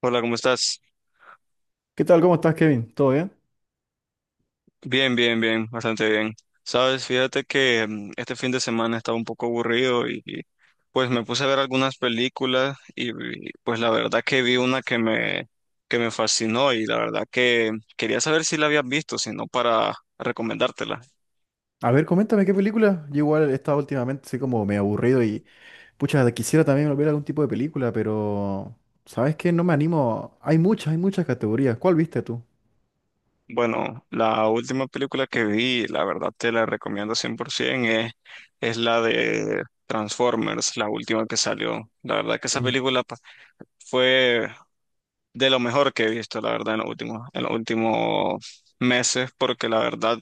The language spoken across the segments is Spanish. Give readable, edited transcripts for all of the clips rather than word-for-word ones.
Hola, ¿cómo estás? ¿Qué tal? ¿Cómo estás, Kevin? ¿Todo bien? Bien, bien, bien, bastante bien. Sabes, fíjate que este fin de semana estaba un poco aburrido pues me puse a ver algunas películas pues la verdad que vi una que me fascinó y la verdad que quería saber si la habías visto, si no para recomendártela. A ver, coméntame qué película. Yo igual he estado últimamente así como medio aburrido y pucha, quisiera también ver algún tipo de película, pero ¿sabes qué? No me animo. Hay muchas categorías. ¿Cuál viste tú? Bueno, la última película que vi, la verdad te la recomiendo 100%, es la de Transformers, la última que salió. La verdad que esa Eh, película fue de lo mejor que he visto, la verdad, en los últimos meses, porque la verdad,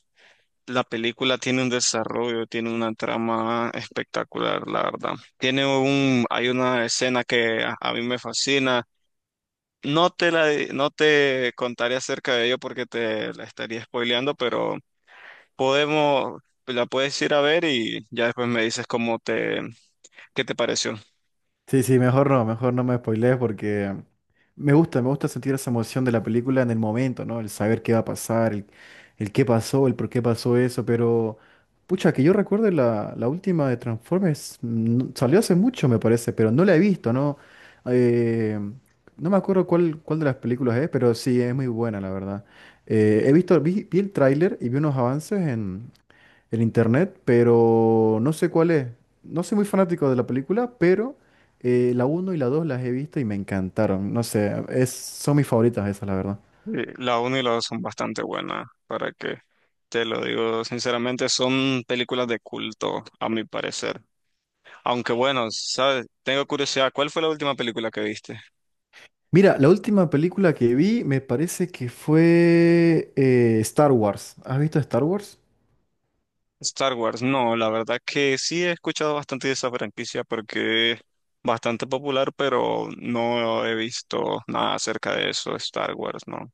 la película tiene un desarrollo, tiene una trama espectacular, la verdad. Hay una escena que a mí me fascina. No te contaré acerca de ello porque te la estaría spoileando, pero podemos, la puedes ir a ver y ya después me dices qué te pareció. Sí, sí, mejor no me spoilees porque me gusta sentir esa emoción de la película en el momento, ¿no? El saber qué va a pasar, el qué pasó, el por qué pasó eso, pero pucha, que yo recuerde la última de Transformers, salió hace mucho me parece, pero no la he visto, ¿no? Eh, no me acuerdo cuál de las películas es, pero sí, es muy buena, la verdad. Vi el tráiler y vi unos avances el internet, pero no sé cuál es. No soy muy fanático de la película, pero la uno y la 2 las he visto y me encantaron. No sé, son mis favoritas esas, la verdad. Sí, la 1 y la 2 son bastante buenas, para que te lo digo sinceramente, son películas de culto, a mi parecer. Aunque bueno, ¿sabes? Tengo curiosidad, ¿cuál fue la última película que viste? Mira, la última película que vi me parece que fue Star Wars. ¿Has visto Star Wars? Star Wars. No, la verdad que sí he escuchado bastante de esa franquicia porque es bastante popular, pero no he visto nada acerca de eso, Star Wars, ¿no?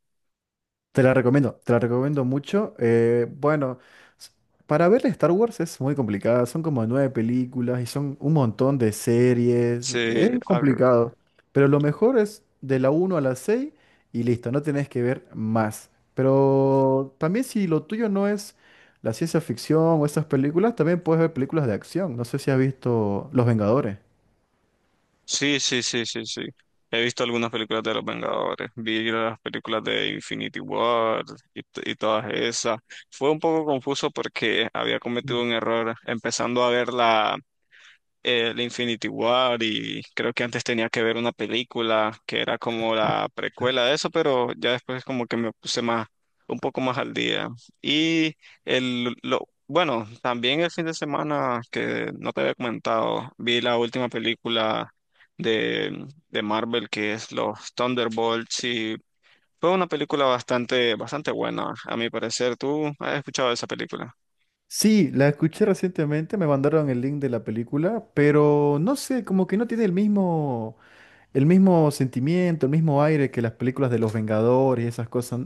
Te la recomiendo mucho. Bueno, s- para ver Star Wars es muy complicada, son como nueve películas y son un montón de series, Sí, es complicado, pero lo mejor es de la uno a la 6 y listo, no tenés que ver más. Pero también si lo tuyo no es la ciencia ficción o esas películas, también puedes ver películas de acción. No sé si has visto Los Vengadores. sí, sí, sí, sí, sí. He visto algunas películas de los Vengadores, vi las películas de Infinity War y, y todas esas. Fue un poco confuso porque había cometido Mm. un error empezando a verla el Infinity War y creo que antes tenía que ver una película que era como la precuela de eso, pero ya después como que un poco más al día. Y bueno, también el fin de semana que no te había comentado, vi la última película de Marvel que es los Thunderbolts y fue una película bastante buena, a mi parecer. ¿Tú has escuchado esa película? Sí, la escuché recientemente, me mandaron el link de la película, pero no sé, como que no tiene el mismo. El mismo sentimiento, el mismo aire que las películas de los Vengadores y esas cosas.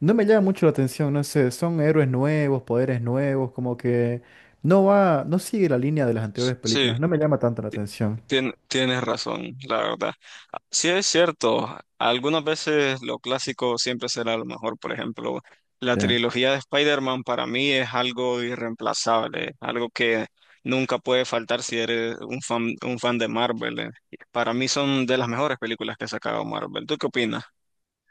No me llama mucho la atención, no sé, son héroes nuevos, poderes nuevos, como que no va, no sigue la línea de las anteriores Sí. películas, no me llama tanto la atención. Tienes razón, la verdad. Ah, sí es cierto, algunas veces lo clásico siempre será lo mejor. Por ejemplo, la Sí. trilogía de Spider-Man para mí es algo irreemplazable, algo que nunca puede faltar si eres un fan de Marvel. Para mí son de las mejores películas que ha sacado Marvel. ¿Tú qué opinas?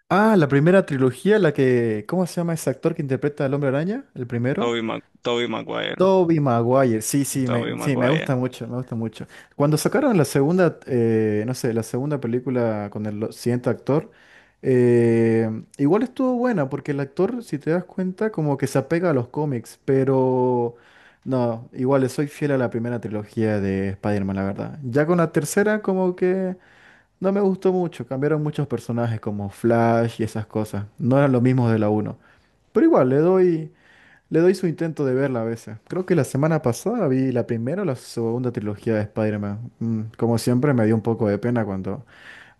Ah, la primera trilogía, ¿cómo se llama ese actor que interpreta al Hombre Araña? El primero. Toby Maguire, Tobey Toby Maguire, sí, me Maguire. gusta mucho, me gusta mucho. Cuando sacaron la segunda, no sé, la segunda película con siguiente actor, eh, igual estuvo buena, porque el actor, si te das cuenta, como que se apega a los cómics, pero no, igual soy fiel a la primera trilogía de Spider-Man, la verdad. Ya con la tercera, como que no me gustó mucho, cambiaron muchos personajes como Flash y esas cosas, no eran los mismos de la uno, pero igual, le doy. Le doy su intento de verla a veces. Creo que la semana pasada vi la primera o la segunda trilogía de Spider-Man. Como siempre, me dio un poco de pena cuando,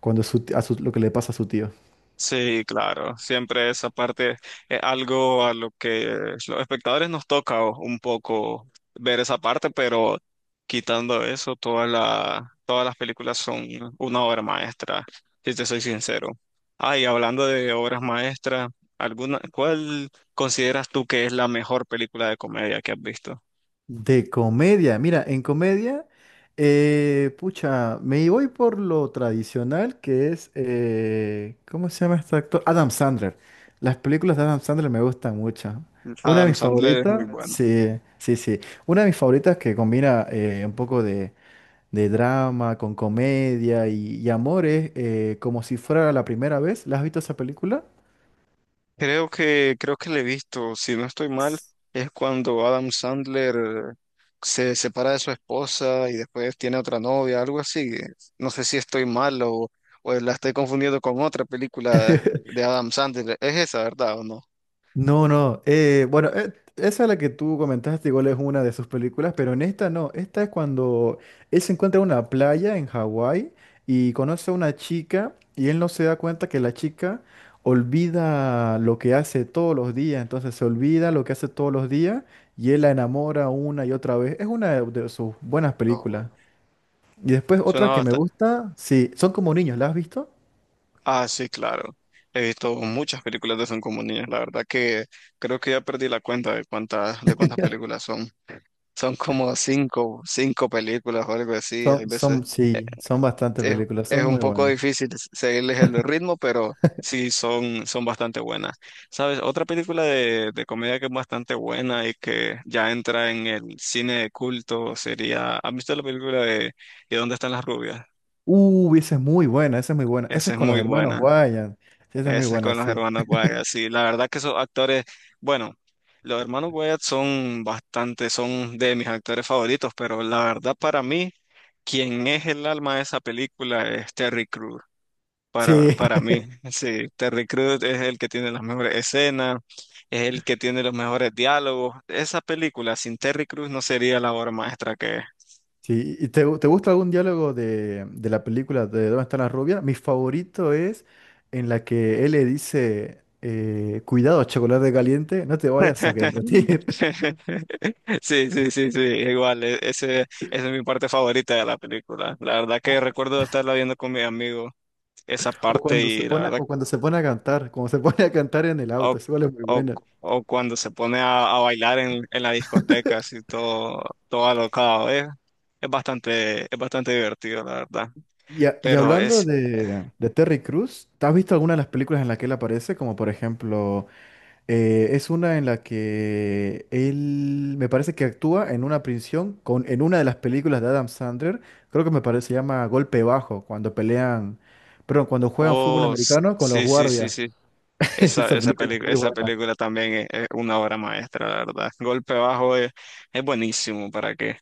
cuando su ti- a su- lo que le pasa a su tío. Sí, claro, siempre esa parte es algo a lo que los espectadores nos toca un poco ver esa parte, pero quitando eso, todas las películas son una obra maestra, si te soy sincero. Ah, y hablando de obras maestras, ¿cuál consideras tú que es la mejor película de comedia que has visto? De comedia, mira, en comedia, pucha, me voy por lo tradicional que es, ¿cómo se llama este actor? Adam Sandler. Las películas de Adam Sandler me gustan mucho. Una de Adam mis Sandler es muy favoritas, bueno. sí, sí, sí. Una de mis favoritas que combina un poco de drama, con comedia y amores, como si fuera la primera vez. ¿La has visto esa película? Creo que le he visto, si no estoy mal, es cuando Adam Sandler eh, se separa de su esposa y después tiene otra novia, algo así. No sé si estoy mal o la estoy confundiendo con otra película de Adam Sandler. Es esa, ¿verdad o no? No, no. Bueno, esa es la que tú comentaste, igual es una de sus películas, pero en esta no. Esta es cuando él se encuentra en una playa en Hawái y conoce a una chica y él no se da cuenta que la chica olvida lo que hace todos los días. Entonces se olvida lo que hace todos los días y él la enamora una y otra vez. Es una de sus buenas películas. No. Y después Suena otra que me bastante. gusta, sí, son como niños, ¿la has visto? Ah, sí, claro. He visto muchas películas de Son como niños. La verdad que creo que ya perdí la cuenta de cuántas películas son. Son como cinco películas o algo así. Hay veces. Sí, son bastantes es, películas, es son un muy poco buenas. difícil seguirles el ritmo, pero son bastante buenas. ¿Sabes? Otra película de comedia que es bastante buena y que ya entra en el cine de culto sería, ¿has visto la película de ¿y dónde están las rubias? Esa es muy buena, esa es muy buena. Esa Esa es es con los muy hermanos buena. Wayans. Sí, esa es muy Esa es buena, con los sí. hermanos Wyatt. Sí, la verdad que esos actores, bueno, los hermanos Wyatt son bastante, son de mis actores favoritos, pero la verdad para mí, quien es el alma de esa película es Terry Crews. Sí, Para mí. Sí, Terry Crews es el que tiene las mejores escenas, es el que tiene los mejores diálogos. Esa película sin Terry Crews no sería la obra maestra que es. sí. ¿Y te, te gusta algún diálogo de la película de ¿Dónde está la rubia? Mi favorito es en la que él le dice, cuidado, chocolate caliente, no te vayas a derretir. Sí, sí, sí, sí, igual, esa es mi parte favorita de la película. La verdad que recuerdo estarla viendo con mi amigo esa parte y la verdad, o cuando se pone a cantar, como se pone a cantar en el o, auto, eso es muy o, bueno. o cuando se pone a bailar en la discoteca, así todo, todo alocado, es bastante divertido, la verdad. Y, y Pero hablando es, de Terry Crews, ¿te ¿has visto alguna de las películas en las que él aparece? Como por ejemplo, es una en la que él me parece que actúa en una prisión con, en una de las películas de Adam Sandler, creo que me parece, se llama Golpe Bajo, cuando pelean, perdón, cuando juegan fútbol oh, americano con los sí, sí, sí, guardias. sí. Esa película es muy Esa buena. película también es una obra maestra, la verdad. Golpe Bajo es buenísimo, ¿para qué?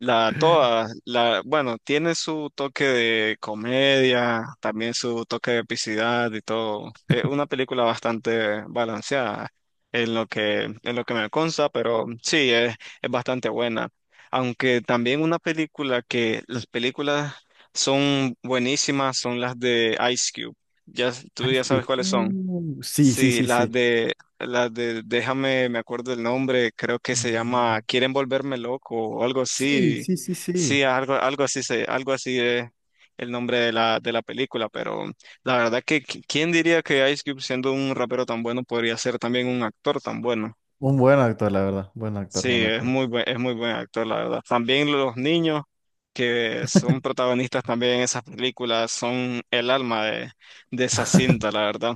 Bueno, tiene su toque de comedia, también su toque de epicidad y todo. Es una película bastante balanceada en lo que me consta, pero es bastante buena. Aunque también una película que las películas son buenísimas son las de Ice Cube. Ya, tú Ice ya sabes Cube. cuáles son. Sí, sí, Sí, sí, sí. Las de, déjame, me acuerdo el nombre, creo que se Mm, llama Quieren volverme loco o algo sí, así. sí, sí, Sí, sí. Algo así algo así es el nombre de de la película, pero la verdad que quién diría que Ice Cube siendo un rapero tan bueno podría ser también un actor tan bueno. Un buen actor, la verdad. Buen actor, Sí, buen actor. Es muy buen actor, la verdad. También los niños que son protagonistas también en esas películas son el alma de esa cinta, la verdad.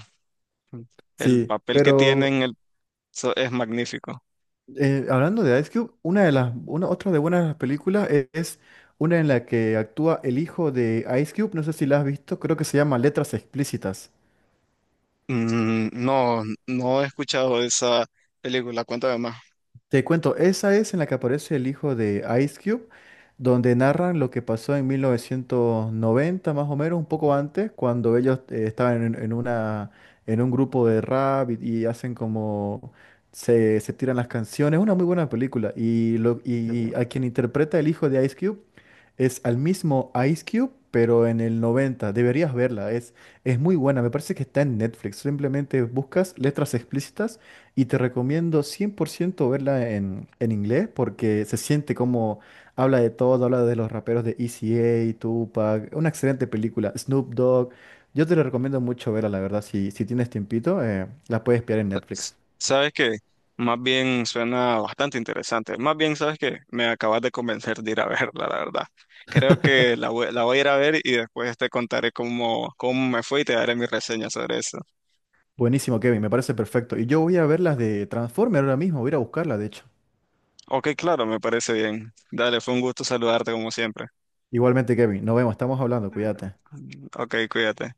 El Sí, papel que pero. tienen, el eso es magnífico. Hablando de Ice Cube, una de las, una, otra de buenas películas es, una en la que actúa el hijo de Ice Cube, no sé si la has visto, creo que se llama Letras Explícitas. Mm, no, no he escuchado esa película. Cuéntame más. Te cuento, esa es en la que aparece el hijo de Ice Cube, donde narran lo que pasó en 1990, más o menos, un poco antes, cuando ellos estaban en una, en un grupo de rap y hacen como se tiran las canciones. Una muy buena película. Y a quien interpreta el hijo de Ice Cube es al mismo Ice Cube, pero en el 90. Deberías verla, es muy buena. Me parece que está en Netflix. Simplemente buscas letras explícitas y te recomiendo 100% verla en inglés porque se siente como habla de todo, habla de los raperos de ECA, Tupac, una excelente película, Snoop Dogg. Yo te la recomiendo mucho verla, la verdad. Si, si tienes tiempito, la puedes pillar en S- Netflix. ¿Sabes qué? Más bien suena bastante interesante. Más bien, ¿sabes qué? Me acabas de convencer de ir a verla, la verdad. Creo que la voy a ir a ver y después te contaré cómo me fue y te daré mi reseña sobre eso. Buenísimo, Kevin, me parece perfecto. Y yo voy a ver las de Transformer ahora mismo, voy a ir a buscarla, de hecho. Ok, claro, me parece bien. Dale, fue un gusto saludarte como siempre. Igualmente, Kevin, nos vemos, estamos hablando, cuídate. Ok, cuídate.